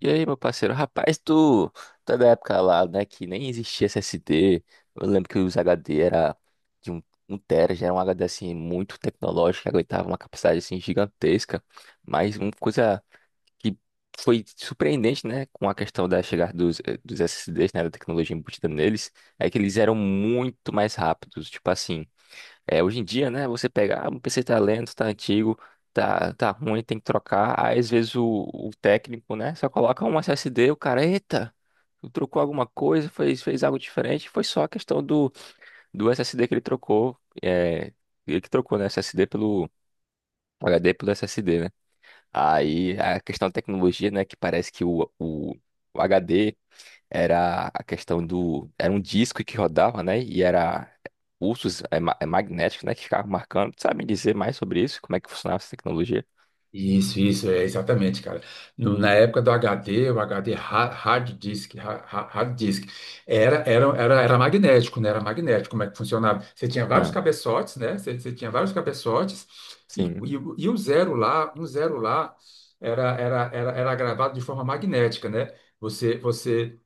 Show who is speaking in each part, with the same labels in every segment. Speaker 1: E aí, meu parceiro? Rapaz, tu é da época lá, né, que nem existia SSD. Eu lembro que os HD era de um, um tera, já era um HD, assim, muito tecnológico, que aguentava uma capacidade, assim, gigantesca. Mas uma coisa que foi surpreendente, né, com a questão da chegada dos SSDs, né, da tecnologia embutida neles, é que eles eram muito mais rápidos. Tipo assim, é, hoje em dia, né, você pega, ah, o PC tá lento, tá antigo, tá ruim, tem que trocar. Aí, às vezes, o técnico, né, só coloca um SSD, o cara, eita, trocou alguma coisa, fez algo diferente. Foi só a questão do SSD que ele trocou. É, ele que trocou, né, SSD pelo HD pelo SSD, né? Aí, a questão da tecnologia, né, que parece que o HD era a questão do. Era um disco que rodava, né? E era pulsos magnéticos, né? Que ficavam marcando. Tu sabe me dizer mais sobre isso? Como é que funcionava essa tecnologia?
Speaker 2: Isso, é exatamente, cara. Na época do HD, o HD hard disk, hard disk, era magnético, né? Era magnético, como é que funcionava? Você tinha vários
Speaker 1: Ah,
Speaker 2: cabeçotes, né? Você tinha vários cabeçotes,
Speaker 1: sim.
Speaker 2: o e o zero lá, um zero lá, era gravado de forma magnética, né? Você, você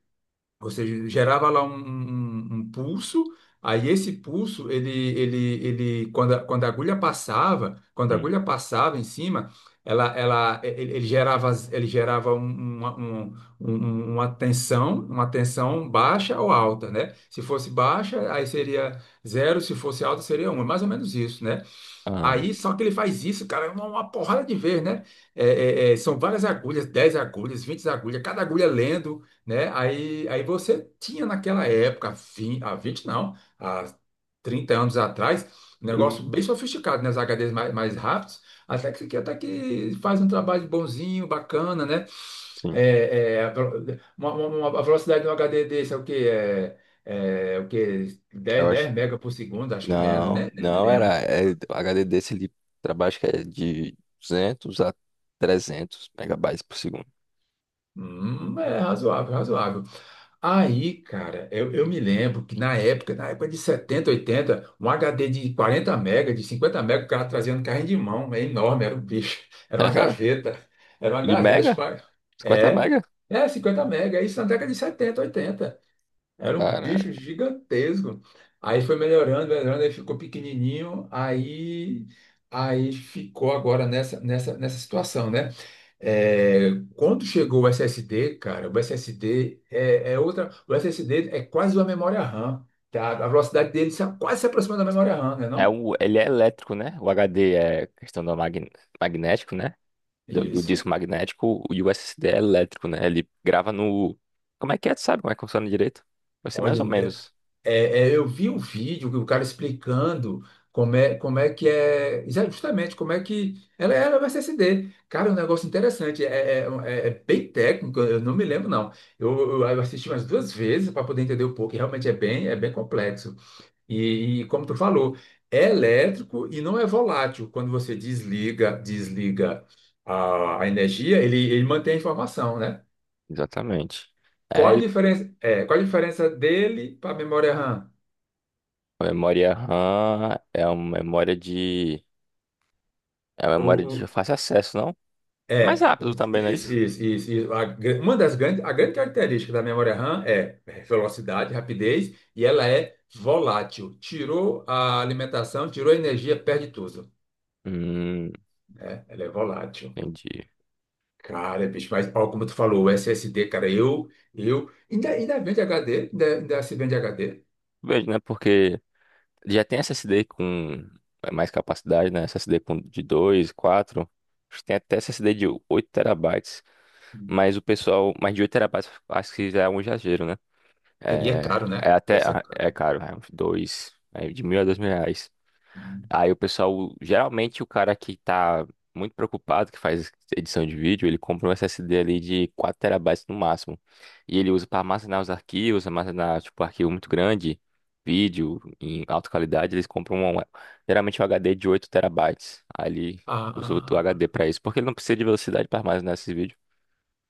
Speaker 2: você gerava lá um pulso, aí esse pulso, quando a
Speaker 1: Hum.
Speaker 2: agulha passava em cima, ela, ele, ele gerava um- uma, um- um- um, uma tensão baixa ou alta, né? Se fosse baixa, aí seria zero, se fosse alta, seria um. É mais ou menos isso, né?
Speaker 1: Ah,
Speaker 2: Aí, só que ele faz isso, cara, uma porrada de vez, né? É, são várias agulhas, 10 agulhas, 20 agulhas, cada agulha lendo, né? Aí, aí você tinha naquela época, há 20 não, há 30 anos atrás, um negócio
Speaker 1: hum,
Speaker 2: bem sofisticado, né? Os HDs mais rápidos, até que faz um trabalho bonzinho, bacana, né?
Speaker 1: sim.
Speaker 2: A velo- uma- a velocidade de um HD desse é o quê? É o quê?
Speaker 1: Eu
Speaker 2: dez
Speaker 1: acho.
Speaker 2: dez mega por segundo, acho que menos, né?
Speaker 1: Não,
Speaker 2: Nem me
Speaker 1: não era.
Speaker 2: lembro.
Speaker 1: É, o HD desse ele trabalha, acho que é de 200 a 300 megabytes por segundo.
Speaker 2: É razoável, razoável. Aí, cara, eu me lembro que na época de 70, 80, um HD de 40 mega, de 50 mega, o cara trazia no carrinho de mão, é enorme, era um bicho, era uma gaveta, era uma
Speaker 1: De
Speaker 2: gaveta.
Speaker 1: mega? 50
Speaker 2: É,
Speaker 1: mega?
Speaker 2: é 50 mega, isso na década de 70, 80. Era um bicho
Speaker 1: Caraca.
Speaker 2: gigantesco. Aí foi melhorando, melhorando, aí ficou pequenininho, aí ficou agora nessa situação, né? É, quando chegou o SSD, cara, o SSD é outra. O SSD é quase uma memória RAM, tá? A velocidade dele se, quase se aproxima da memória RAM, né,
Speaker 1: É
Speaker 2: não?
Speaker 1: o, ele é elétrico, né? O HD é questão do magnético, né? Do
Speaker 2: Isso.
Speaker 1: disco magnético, o USD é elétrico, né? Ele grava no. Como é que é? Tu sabe como é que funciona direito? Vai ser mais
Speaker 2: Olha,
Speaker 1: ou menos.
Speaker 2: eu vi um vídeo que o cara explicando como é que é, justamente como é que ela era o SSD. Cara, é um negócio interessante, é bem técnico, eu não me lembro, não. Eu, eu assisti umas duas vezes para poder entender um pouco, e realmente é bem complexo. E como tu falou, é elétrico e não é volátil. Quando você desliga, desliga a energia, ele mantém a informação, né?
Speaker 1: Exatamente.
Speaker 2: Qual
Speaker 1: É,
Speaker 2: a
Speaker 1: ele,
Speaker 2: diferença, é, qual a diferença dele para a memória RAM?
Speaker 1: a memória RAM é uma memória de. É uma
Speaker 2: O,
Speaker 1: memória
Speaker 2: o-
Speaker 1: de fácil acesso, não? É mais rápido também, não é
Speaker 2: isso, isso,
Speaker 1: isso?
Speaker 2: isso, isso. A gran- uma das grandes, a grande característica da memória RAM é velocidade, rapidez e ela é volátil. Tirou a alimentação, tirou a energia, perde tudo,
Speaker 1: Hum,
Speaker 2: né? Ela é volátil.
Speaker 1: entendi.
Speaker 2: Cara, bicho, mas ó, como tu falou, o SSD, cara, ainda vende HD, ainda se vende HD.
Speaker 1: Vejo, né? Porque já tem SSD com é mais capacidade, né? SSD com de 2, 4. Acho que tem até SSD de 8 terabytes. Mas o pessoal, mais de 8 terabytes, acho que já é um exagero, né?
Speaker 2: É, e é
Speaker 1: É,
Speaker 2: caro,
Speaker 1: é
Speaker 2: né?
Speaker 1: até,
Speaker 2: Deve ser
Speaker 1: ah,
Speaker 2: caro.
Speaker 1: é caro, é uns dois, é de mil a dois mil reais.
Speaker 2: Hum.
Speaker 1: Aí o pessoal, geralmente o cara que tá muito preocupado, que faz edição de vídeo, ele compra um SSD ali de 4 terabytes no máximo. E ele usa para armazenar os arquivos, armazenar, tipo, arquivo muito grande, vídeo em alta qualidade, eles compram um, geralmente um HD de 8 terabytes. Aí ele usa o
Speaker 2: Ah,
Speaker 1: HD para isso, porque ele não precisa de velocidade para armazenar esse vídeo.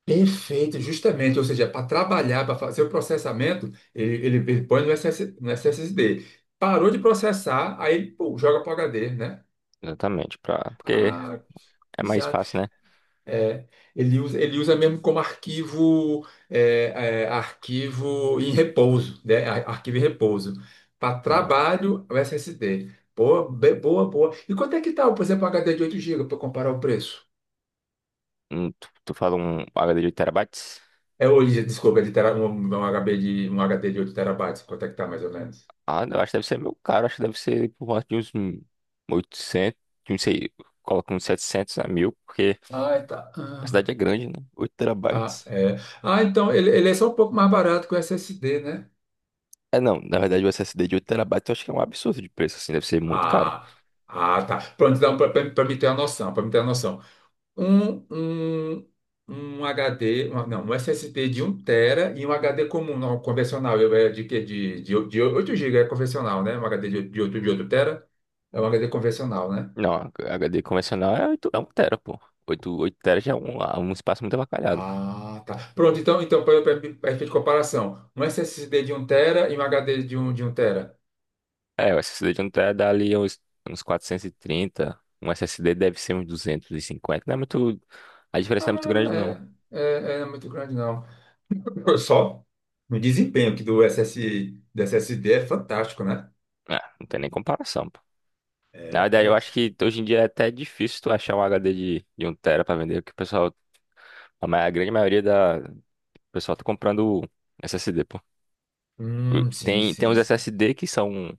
Speaker 2: perfeito, justamente, ou seja, para trabalhar, para fazer o processamento, ele põe no SSD. Parou de processar, aí, pô, joga para o HD, né?
Speaker 1: Exatamente, pra, porque
Speaker 2: Ah,
Speaker 1: é mais fácil,
Speaker 2: é, ele usa mesmo como arquivo, arquivo em repouso, né? Arquivo em repouso. Para
Speaker 1: né?
Speaker 2: trabalho, o SSD. Boa, boa, boa. E quanto é que tá, por exemplo, um HD de 8 GB para comparar o preço?
Speaker 1: Tu fala um HD de 8 terabytes?
Speaker 2: É hoje, desculpa, de tera, um HD de 8 terabytes, quanto é que tá mais ou menos?
Speaker 1: Ah, eu acho que deve ser meio caro. Acho que deve ser por volta de uns 800, de uns, sei, coloca uns 700 a 1000 porque
Speaker 2: Ah, tá.
Speaker 1: a cidade é
Speaker 2: Ah,
Speaker 1: grande, né? 8
Speaker 2: ah,
Speaker 1: terabytes.
Speaker 2: é. Ah, então ele é só um pouco mais barato que o SSD, né?
Speaker 1: É, não, na verdade o SSD de 8 terabytes eu acho que é um absurdo de preço, assim, deve ser muito caro.
Speaker 2: Ah, ah, tá. Pronto, então, para me ter uma noção, para me ter uma noção. um, um, um HD, uma- não, um SSD de um tera e um HD comum, não, convencional, eu- é de, que de 8 GB, é convencional, né? Um HD de 8, de 8 tera é um HD convencional, né?
Speaker 1: Não, a HD convencional é, 8 é 1 tera, pô. Oito tera já é um, ah, um espaço muito avacalhado.
Speaker 2: Ah, tá. Pronto, então, para efeito de comparação, um SSD de um tera e um HD de um tera.
Speaker 1: É, o SSD de um tera dá ali uns, uns quatrocentos e trinta, um SSD deve ser uns 250, não é muito. A diferença não é muito grande, não.
Speaker 2: Ah, é muito grande, não. Só o desempenho aqui do SSD é fantástico, né?
Speaker 1: É, não tem nem comparação, pô. Na
Speaker 2: É,
Speaker 1: verdade, eu acho
Speaker 2: é.
Speaker 1: que hoje em dia é até difícil tu achar um HD de um tera pra vender, porque o pessoal, a grande maioria da o pessoal tá comprando SSD, pô.
Speaker 2: Sim,
Speaker 1: Tem, tem
Speaker 2: sim,
Speaker 1: uns
Speaker 2: sim.
Speaker 1: SSD que são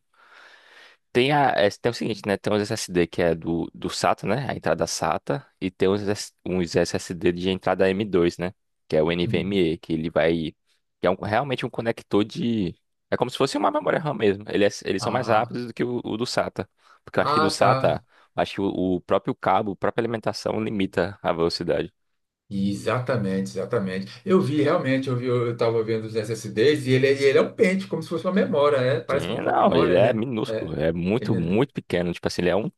Speaker 1: tem, a, é, tem o seguinte, né? Tem os SSD que é do SATA, né? A entrada SATA. E tem uns, S- uns SSD de entrada M2, né? Que é o
Speaker 2: Hum.
Speaker 1: NVMe, que ele vai. Que é um realmente um conector de. É como se fosse uma memória RAM mesmo. Ele é, eles são mais
Speaker 2: Ah,
Speaker 1: rápidos do que o do SATA. Porque eu acho que do
Speaker 2: ah,
Speaker 1: SATA,
Speaker 2: tá.
Speaker 1: acho que o próprio cabo, a própria alimentação limita a velocidade.
Speaker 2: Exatamente, exatamente. Eu vi realmente, eu vi, eu estava vendo os SSDs e ele, ele é um pente, como se fosse uma memória, é, parece
Speaker 1: Sim,
Speaker 2: muito com a
Speaker 1: não,
Speaker 2: memória,
Speaker 1: ele
Speaker 2: ele
Speaker 1: é
Speaker 2: é,
Speaker 1: minúsculo,
Speaker 2: é,
Speaker 1: é muito,
Speaker 2: ele,
Speaker 1: muito pequeno. Tipo assim,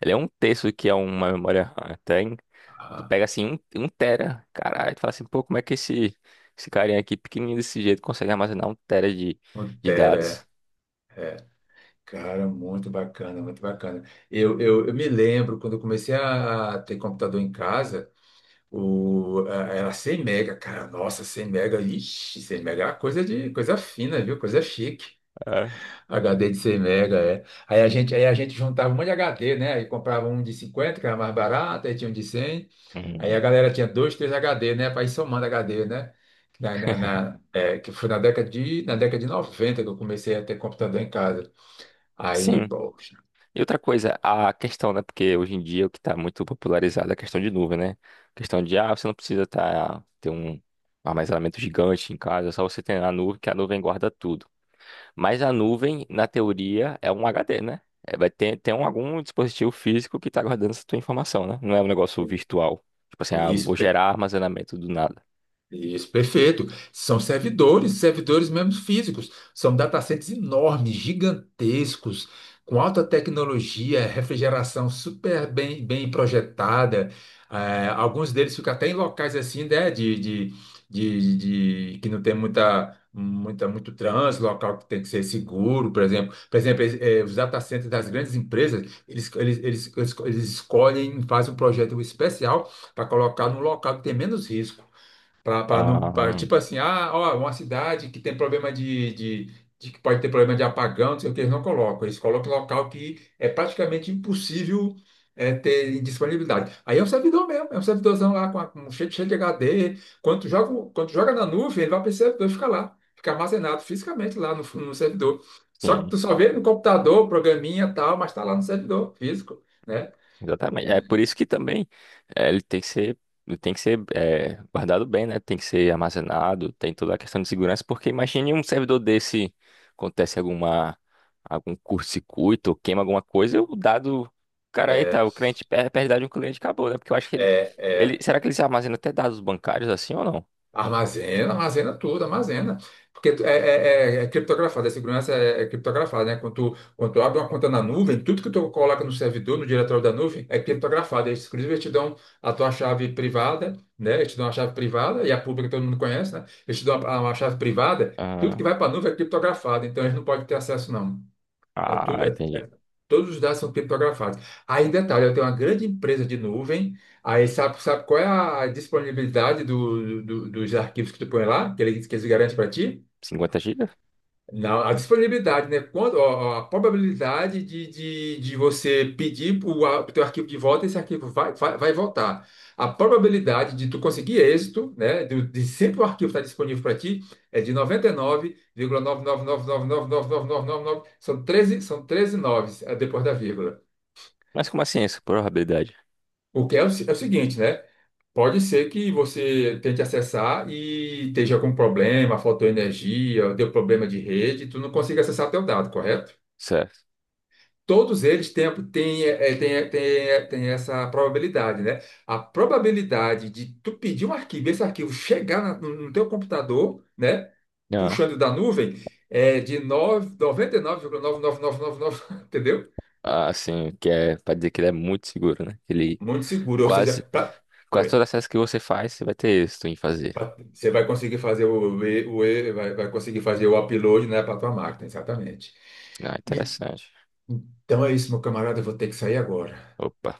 Speaker 1: ele é um terço do que é uma memória RAM. Até tu
Speaker 2: ah,
Speaker 1: pega assim um tera, caralho, tu fala assim, pô, como é que esse carinha aqui, pequenininho desse jeito, consegue armazenar um tera de dados?
Speaker 2: Pantera, é, é. Cara, muito bacana, muito bacana. Eu me lembro quando eu comecei a ter computador em casa, era 100 mega, cara, nossa, 100 mega, ixi, 100 mega era coisa de coisa fina, viu? Coisa chique.
Speaker 1: É.
Speaker 2: HD de 100 mega, é. Aí a gente juntava um monte de HD, né? Aí comprava um de 50, que era mais barato, aí tinha um de 100. Aí a
Speaker 1: Hum,
Speaker 2: galera tinha dois, três HD, né? Para ir somando HD, né? Que foi na década de 90 que eu comecei a ter computador em casa. Aí,
Speaker 1: sim.
Speaker 2: poxa,
Speaker 1: E outra coisa, a questão, né? Porque hoje em dia o que está muito popularizado é a questão de nuvem, né? A questão de, ah, você não precisa tá, ter um armazenamento gigante em casa, só você tem a nuvem, que a nuvem guarda tudo. Mas a nuvem, na teoria, é um HD, né? É, vai ter, tem um algum dispositivo físico que está guardando essa tua informação, né? Não é um negócio virtual. Tipo assim, ah,
Speaker 2: isso.
Speaker 1: vou gerar armazenamento do nada.
Speaker 2: Isso, perfeito. São servidores, servidores mesmo físicos. São datacenters enormes, gigantescos, com alta tecnologia, refrigeração super bem, bem projetada. Alguns deles ficam até em locais assim, né, de, que não tem muito trânsito, local que tem que ser seguro, por exemplo. Por exemplo, os datacenters das grandes empresas, eles escolhem, fazem um projeto especial para colocar num local que tem menos risco. Para não, pra,
Speaker 1: Ah,
Speaker 2: tipo assim, ah, ó, uma cidade que tem problema de que pode ter problema de apagão, não sei o que, eles não colocam. Eles colocam local que é praticamente impossível ter disponibilidade. Aí é um servidor mesmo, é um servidorzão lá com cheio, cheio de HD. Quando tu joga, quando tu joga na nuvem, ele vai para esse servidor ficar lá, fica armazenado fisicamente lá no servidor. Só que
Speaker 1: sim.
Speaker 2: tu só vê no computador, programinha e tal, mas está lá no servidor físico, né?
Speaker 1: Exatamente.
Speaker 2: É,
Speaker 1: É por isso que também eh, ele tem que ser, ele tem que ser eh, guardado bem, né? Tem que ser armazenado, tem toda a questão de segurança, porque imagine um servidor desse, acontece alguma, algum curto-circuito, ou queima alguma coisa, o dado, cara, aí tá,
Speaker 2: é,
Speaker 1: o cliente perde, perde dado de um cliente, acabou, né? Porque eu acho que ele,
Speaker 2: é.
Speaker 1: ele,
Speaker 2: É,
Speaker 1: será que ele se armazena até dados bancários assim ou não?
Speaker 2: armazena, armazena tudo, armazena. Porque é criptografado, a segurança é criptografada, né? Quando tu abre uma conta na nuvem, tudo que tu coloca no servidor, no diretório da nuvem, é criptografado. Eles, inclusive, eles te dão a tua chave privada, né? Eles te dão a chave privada, e a pública todo mundo conhece, né? Eles te dão uma chave privada, tudo
Speaker 1: Ah,
Speaker 2: que vai para a nuvem é criptografado, então eles não podem ter acesso, não. É
Speaker 1: ah,
Speaker 2: tudo,
Speaker 1: entendi.
Speaker 2: todos os dados são criptografados. Aí, detalhe, eu tenho uma grande empresa de nuvem, aí sabe, sabe qual é a disponibilidade dos arquivos que tu põe lá, que eles garantem para ti?
Speaker 1: Cinquenta gigas?
Speaker 2: Não, a disponibilidade, né? Quando, ó, ó, a probabilidade de você pedir o teu arquivo de volta, esse arquivo vai voltar. A probabilidade de tu conseguir êxito, né? De sempre o arquivo estar disponível para ti, é de 99,999999999. São treze noves depois da vírgula.
Speaker 1: Mas como assim isso? Probabilidade.
Speaker 2: O que é o, se- é o seguinte, né? Pode ser que você tente acessar e esteja com problema, faltou energia, deu problema de rede, tu não consiga acessar teu dado, correto?
Speaker 1: Certo.
Speaker 2: Todos eles têm, têm, é, têm, têm, têm essa probabilidade, né? A probabilidade de tu pedir um arquivo, e esse arquivo chegar no teu computador, né?
Speaker 1: Ah,
Speaker 2: Puxando da nuvem, é de noventa e nove, vírgula nove, nove, noventa e nove, nove, entendeu?
Speaker 1: ah, sim, que é pra dizer que ele é muito seguro, né? Ele
Speaker 2: Muito seguro. Ou seja,
Speaker 1: quase quase
Speaker 2: Oi.
Speaker 1: todas as que você faz, você vai ter êxito em fazer.
Speaker 2: Você vai conseguir fazer vai conseguir fazer o upload, né, para tua máquina, exatamente.
Speaker 1: Ah,
Speaker 2: E-
Speaker 1: interessante.
Speaker 2: então é isso, meu camarada. Eu vou ter que sair agora.
Speaker 1: Opa.